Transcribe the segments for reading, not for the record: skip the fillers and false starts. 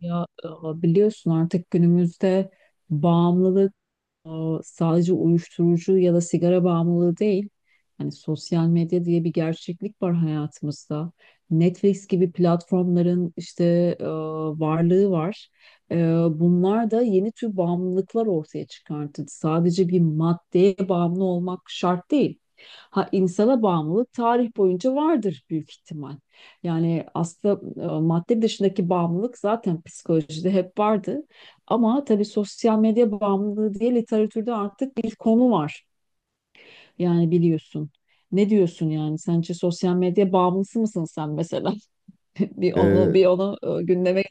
Biliyorsun artık günümüzde bağımlılığı sadece uyuşturucu ya da sigara bağımlılığı değil. Hani sosyal medya diye bir gerçeklik var hayatımızda. Netflix gibi platformların işte e, varlığı var. E, bunlar da yeni tür bağımlılıklar ortaya çıkarttı. Sadece bir maddeye bağımlı olmak şart değil. Ha, insana bağımlılık tarih boyunca vardır büyük ihtimal. Yani aslında madde dışındaki bağımlılık zaten psikolojide hep vardı. Ama tabii sosyal medya bağımlılığı diye literatürde artık bir konu var. Yani biliyorsun. Ne diyorsun yani? Sence sosyal medya bağımlısı mısın sen mesela? Bir onu Ee, bir onu gündeme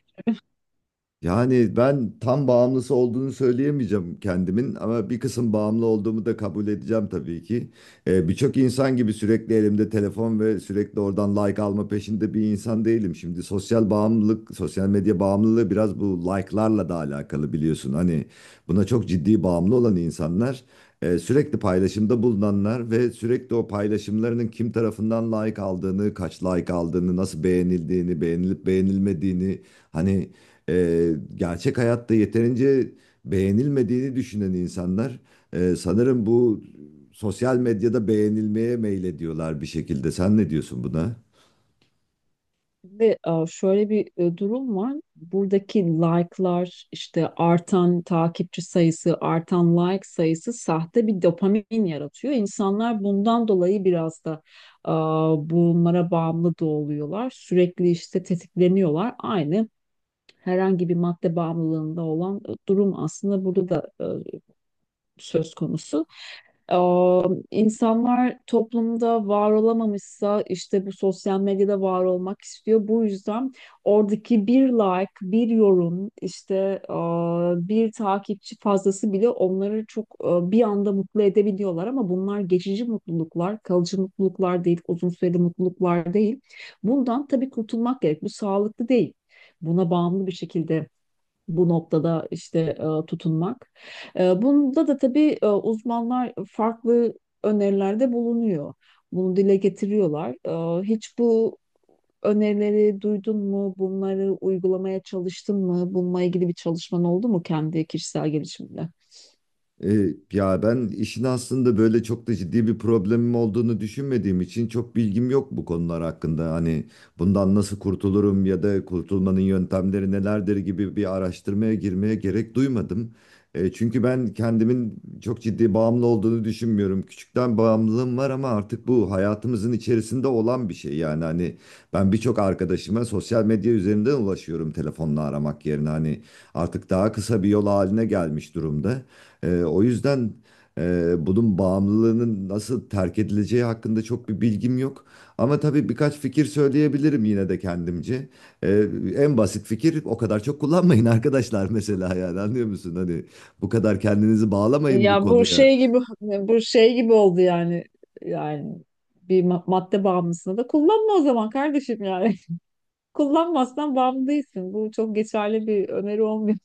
yani ben tam bağımlısı olduğunu söyleyemeyeceğim kendimin ama bir kısım bağımlı olduğumu da kabul edeceğim tabii ki. Birçok insan gibi sürekli elimde telefon ve sürekli oradan like alma peşinde bir insan değilim. Şimdi sosyal bağımlılık, sosyal medya bağımlılığı biraz bu like'larla da alakalı biliyorsun. Hani buna çok ciddi bağımlı olan insanlar, sürekli paylaşımda bulunanlar ve sürekli o paylaşımlarının kim tarafından like aldığını, kaç like aldığını, nasıl beğenildiğini, beğenilip beğenilmediğini. Hani gerçek hayatta yeterince beğenilmediğini düşünen insanlar, sanırım bu sosyal medyada beğenilmeye meylediyorlar bir şekilde. Sen ne diyorsun buna? getirdi. E, şöyle bir durum var. Buradaki like'lar, işte artan takipçi sayısı, artan like sayısı sahte bir dopamin yaratıyor. İnsanlar bundan dolayı biraz da e, bunlara bağımlı da oluyorlar. Sürekli işte tetikleniyorlar. Aynı herhangi bir madde bağımlılığında olan durum aslında burada da söz konusu. Ee, insanlar toplumda var olamamışsa işte bu sosyal medyada var olmak istiyor. Bu yüzden oradaki bir like, bir yorum, işte e, bir takipçi fazlası bile onları çok bir anda mutlu edebiliyorlar ama bunlar geçici mutluluklar, kalıcı mutluluklar değil, uzun süreli mutluluklar değil. Bundan tabii kurtulmak gerek. Bu sağlıklı değil. Buna bağımlı bir şekilde bu noktada işte tutunmak. Bunda da tabii uzmanlar farklı önerilerde bulunuyor. Bunu dile getiriyorlar. Hiç bu önerileri duydun mu? Bunları uygulamaya çalıştın mı? Bununla ilgili bir çalışman oldu mu kendi kişisel gelişiminde? E, ya ben işin aslında böyle çok da ciddi bir problemim olduğunu düşünmediğim için çok bilgim yok bu konular hakkında. Hani bundan nasıl kurtulurum ya da kurtulmanın yöntemleri nelerdir gibi bir araştırmaya girmeye gerek duymadım. Çünkü ben kendimin çok ciddi bağımlı olduğunu düşünmüyorum. Küçükten bağımlılığım var ama artık bu hayatımızın içerisinde olan bir şey. Yani hani ben birçok arkadaşıma sosyal medya üzerinden ulaşıyorum telefonla aramak yerine. Hani artık daha kısa bir yol haline gelmiş durumda. O yüzden bunun bağımlılığının nasıl terk edileceği hakkında çok bir bilgim yok. Ama tabii birkaç fikir söyleyebilirim yine de kendimce. Ee, en basit fikir o kadar çok kullanmayın arkadaşlar mesela yani anlıyor musun? Hani bu kadar kendinizi bağlamayın bu Ya, bu konuya. şey gibi bu şey gibi oldu yani. Yani bir madde bağımlısını da kullanma o zaman kardeşim yani. Kullanmazsan bağımlı değilsin. Bu çok geçerli bir öneri olmuyor.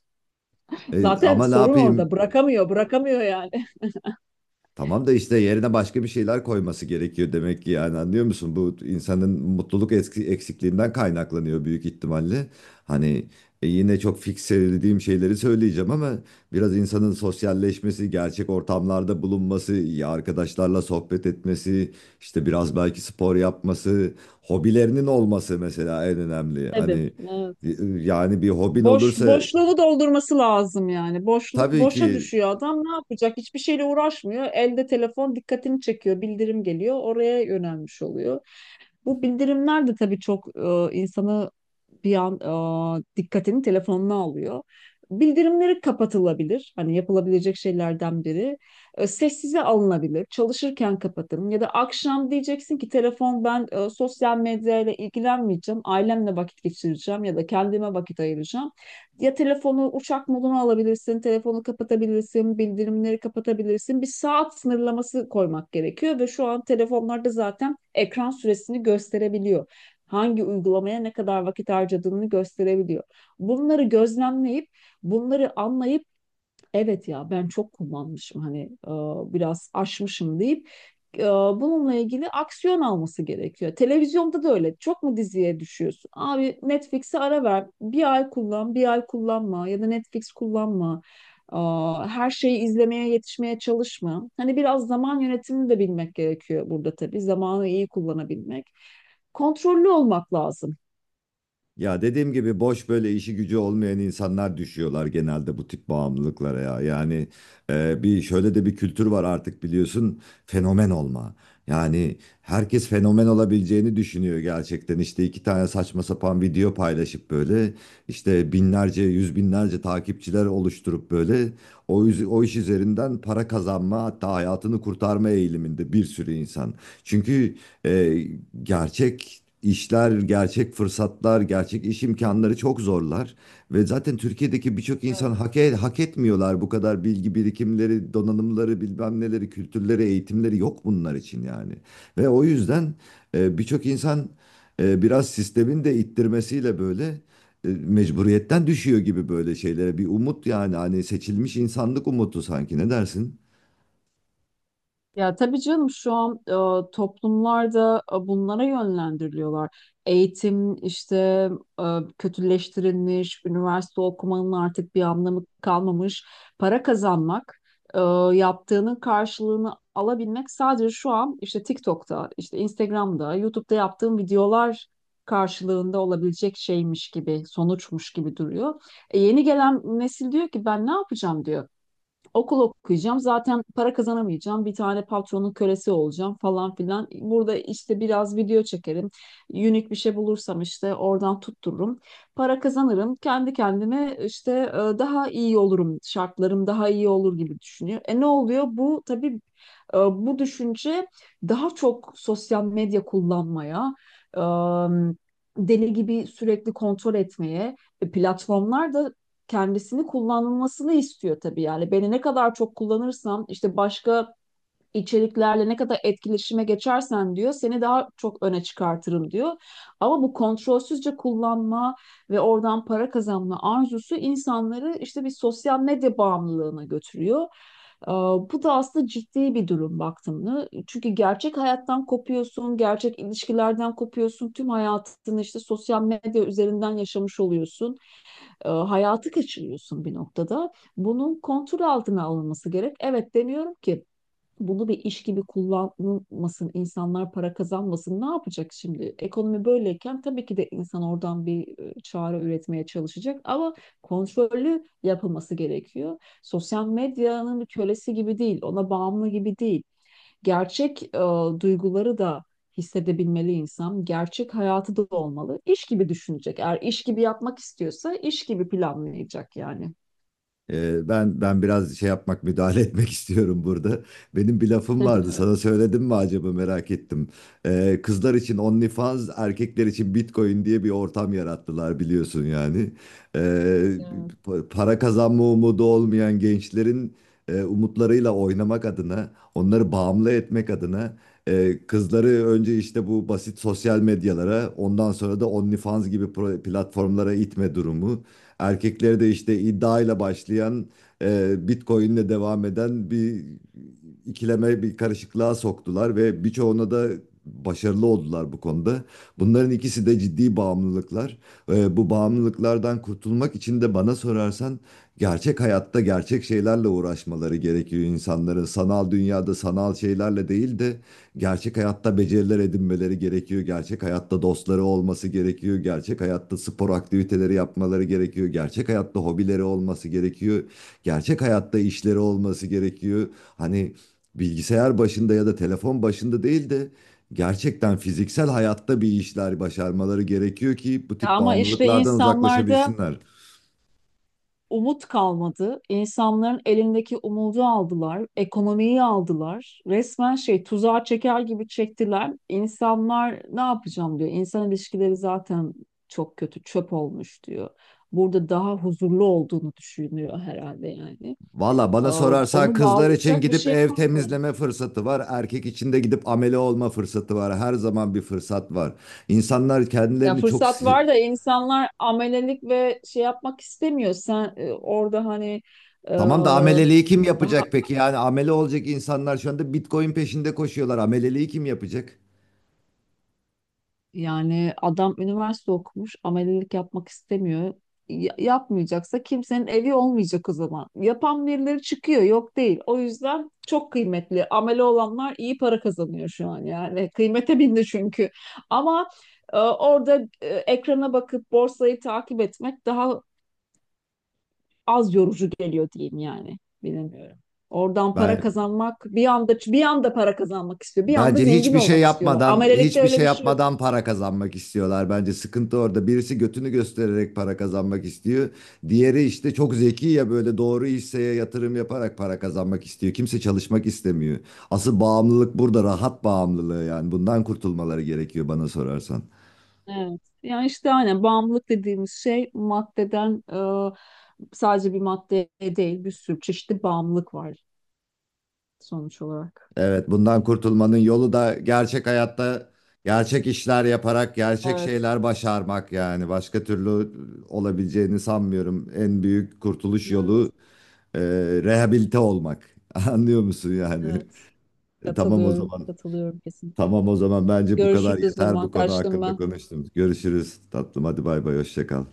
Zaten Ama ne sorun orada. yapayım? Bırakamıyor yani. Tamam da işte yerine başka bir şeyler koyması gerekiyor demek ki yani anlıyor musun? Bu insanın mutluluk eksikliğinden kaynaklanıyor büyük ihtimalle. Hani yine çok fikselediğim şeyleri söyleyeceğim ama biraz insanın sosyalleşmesi, gerçek ortamlarda bulunması, ya arkadaşlarla sohbet etmesi, işte biraz belki spor yapması, hobilerinin olması mesela en önemli. Tabii. Hani Evet. Yani bir hobin Boş olursa. boşluğu doldurması lazım yani. Boşluk Tabii boşa ki. düşüyor adam. Ne yapacak? Hiçbir şeyle uğraşmıyor. Elde telefon dikkatini çekiyor. Bildirim geliyor. Oraya yönelmiş oluyor. Bu bildirimler de tabii çok insanı bir an dikkatini telefonuna alıyor. Bildirimleri kapatılabilir. Hani yapılabilecek şeylerden biri. E, sessize alınabilir. Çalışırken kapatın. Ya da akşam diyeceksin ki telefon ben sosyal medyayla ilgilenmeyeceğim. Ailemle vakit geçireceğim ya da kendime vakit ayıracağım. Ya telefonu uçak moduna alabilirsin, telefonu kapatabilirsin, bildirimleri kapatabilirsin. Bir saat sınırlaması koymak gerekiyor ve şu an telefonlarda zaten ekran süresini gösterebiliyor. Hangi uygulamaya ne kadar vakit harcadığını gösterebiliyor. Bunları gözlemleyip, bunları anlayıp evet ya ben çok kullanmışım hani biraz aşmışım deyip bununla ilgili aksiyon alması gerekiyor. Televizyonda da öyle. Çok mu diziye düşüyorsun? Abi Netflix'e ara ver. Bir ay kullan, bir ay kullanma ya da Netflix kullanma. E, her şeyi izlemeye yetişmeye çalışma. Hani biraz zaman yönetimini de bilmek gerekiyor burada tabii. Zamanı iyi kullanabilmek. Kontrollü olmak lazım. Ya dediğim gibi boş böyle işi gücü olmayan insanlar düşüyorlar genelde bu tip bağımlılıklara ya. Yani bir şöyle de bir kültür var artık biliyorsun, fenomen olma. Yani herkes fenomen olabileceğini düşünüyor gerçekten. İşte iki tane saçma sapan video paylaşıp böyle işte binlerce yüz binlerce takipçiler oluşturup böyle o iş üzerinden para kazanma hatta hayatını kurtarma eğiliminde bir sürü insan. Çünkü e, gerçek İşler gerçek fırsatlar, gerçek iş imkanları çok zorlar. Ve zaten Türkiye'deki birçok insan hak etmiyorlar, bu kadar bilgi birikimleri, donanımları, bilmem neleri, kültürleri, eğitimleri yok bunlar için yani. Ve o yüzden birçok insan biraz sistemin de ittirmesiyle böyle mecburiyetten düşüyor gibi böyle şeylere. Bir umut yani, hani seçilmiş insanlık umutu sanki, ne dersin? Ya tabii canım şu an toplumlarda bunlara yönlendiriliyorlar. Eğitim işte e, kötüleştirilmiş, üniversite okumanın artık bir anlamı kalmamış. Para kazanmak, e, yaptığının karşılığını alabilmek sadece şu an işte TikTok'ta, işte Instagram'da, YouTube'da yaptığım videolar karşılığında olabilecek şeymiş gibi, sonuçmuş gibi duruyor. Yeni gelen nesil diyor ki ben ne yapacağım diyor. Okul okuyacağım. Zaten para kazanamayacağım. Bir tane patronun kölesi olacağım falan filan. Burada işte biraz video çekerim. Unik bir şey bulursam işte oradan tuttururum. Para kazanırım. Kendi kendime işte daha iyi olurum. Şartlarım daha iyi olur gibi düşünüyor. E ne oluyor? Bu tabii bu düşünce daha çok sosyal medya kullanmaya, e, deli gibi sürekli kontrol etmeye, platformlar da kendisini kullanılmasını istiyor tabii yani. Beni ne kadar çok kullanırsam işte başka içeriklerle ne kadar etkileşime geçersen diyor seni daha çok öne çıkartırım diyor. Ama bu kontrolsüzce kullanma ve oradan para kazanma arzusu insanları işte bir sosyal medya bağımlılığına götürüyor. Ee, Bu da aslında ciddi bir durum baktığımda. Çünkü gerçek hayattan kopuyorsun, gerçek ilişkilerden kopuyorsun. Tüm hayatını işte sosyal medya üzerinden yaşamış oluyorsun, hayatı kaçırıyorsun bir noktada. Bunun kontrol altına alınması gerek. Evet demiyorum ki bunu bir iş gibi kullanılmasın, insanlar para kazanmasın. Ne yapacak şimdi? Ekonomi böyleyken tabii ki de insan oradan bir çare üretmeye çalışacak ama kontrollü yapılması gerekiyor. Sosyal medyanın bir kölesi gibi değil, ona bağımlı gibi değil gerçek duyguları da hissedebilmeli insan. Gerçek hayatı da olmalı. İş gibi düşünecek. Eğer iş gibi yapmak istiyorsa iş gibi planlayacak yani. Ben biraz şey yapmak, müdahale etmek istiyorum burada. Benim bir lafım vardı, Evet. sana söyledim mi acaba, merak ettim. Kızlar için OnlyFans, erkekler için Bitcoin diye bir ortam yarattılar biliyorsun yani. Ee, Ya. Para kazanma umudu olmayan gençlerin umutlarıyla oynamak adına, onları bağımlı etmek adına, kızları önce işte bu basit sosyal medyalara ondan sonra da OnlyFans gibi platformlara itme durumu. Erkeklere de işte iddiayla başlayan, Bitcoin'le devam eden bir ikileme, bir karışıklığa soktular ve birçoğuna da başarılı oldular bu konuda. Bunların ikisi de ciddi bağımlılıklar. Bu bağımlılıklardan kurtulmak için de bana sorarsan gerçek hayatta gerçek şeylerle uğraşmaları gerekiyor insanların. Sanal dünyada sanal şeylerle değil de gerçek hayatta beceriler edinmeleri gerekiyor. Gerçek hayatta dostları olması gerekiyor. Gerçek hayatta spor aktiviteleri yapmaları gerekiyor. Gerçek hayatta hobileri olması gerekiyor. Gerçek hayatta işleri olması gerekiyor. Hani bilgisayar başında ya da telefon başında değil de gerçekten fiziksel hayatta bir işler başarmaları gerekiyor ki bu Ya tip ama işte bağımlılıklardan insanlarda uzaklaşabilsinler. umut kalmadı. İnsanların elindeki umudu aldılar, ekonomiyi aldılar. Resmen şey, tuzağa çeker gibi çektiler. İnsanlar ne yapacağım diyor. İnsan ilişkileri zaten çok kötü, çöp olmuş diyor. Burada daha huzurlu olduğunu düşünüyor herhalde yani. Valla Ee, bana sorarsan onu kızlar için bağlayacak bir gidip şey ev yapamıyorlar. temizleme fırsatı var. Erkek için de gidip amele olma fırsatı var. Her zaman bir fırsat var. İnsanlar Ya kendilerini çok... fırsat si- var da insanlar amelelik ve şey yapmak istemiyor. Sen orada hani e, Tamam da ameleliği kim daha yapacak peki? Yani amele olacak insanlar şu anda Bitcoin peşinde koşuyorlar. Ameleliği kim yapacak? yani adam üniversite okumuş, amelelik yapmak istemiyor. Ya- yapmayacaksa kimsenin evi olmayacak o zaman. Yapan birileri çıkıyor, yok değil. O yüzden çok kıymetli. Amele olanlar iyi para kazanıyor şu an yani. Kıymete bindi çünkü. Ama e, orada ekrana bakıp borsayı takip etmek daha az yorucu geliyor diyeyim yani. Bilemiyorum. Oradan para Ben kazanmak, bir anda para kazanmak istiyor. Bir anda Bence zengin hiçbir şey olmak istiyorlar. yapmadan, Amelelikte hiçbir öyle şey bir şey yok. yapmadan para kazanmak istiyorlar. Bence sıkıntı orada. Birisi götünü göstererek para kazanmak istiyor. Diğeri işte çok zeki ya böyle doğru hisseye yatırım yaparak para kazanmak istiyor. Kimse çalışmak istemiyor. Asıl bağımlılık burada, rahat bağımlılığı yani. Bundan kurtulmaları gerekiyor bana sorarsan. Evet. Yani işte aynen bağımlılık dediğimiz şey maddeden sadece bir maddeye değil bir sürü çeşitli bağımlılık var sonuç olarak. Evet, bundan kurtulmanın yolu da gerçek hayatta gerçek işler yaparak gerçek Evet. şeyler başarmak yani. Başka türlü olabileceğini sanmıyorum. En büyük kurtuluş Evet, yolu e, rehabilite olmak. Anlıyor musun yani? evet. Tamam o Katılıyorum, zaman. katılıyorum kesinlikle. Tamam o zaman bence bu kadar Görüşürüz o yeter, zaman. bu konu Kaçtım hakkında ben. konuştum. Görüşürüz tatlım. Hadi bay bay, hoşça kal.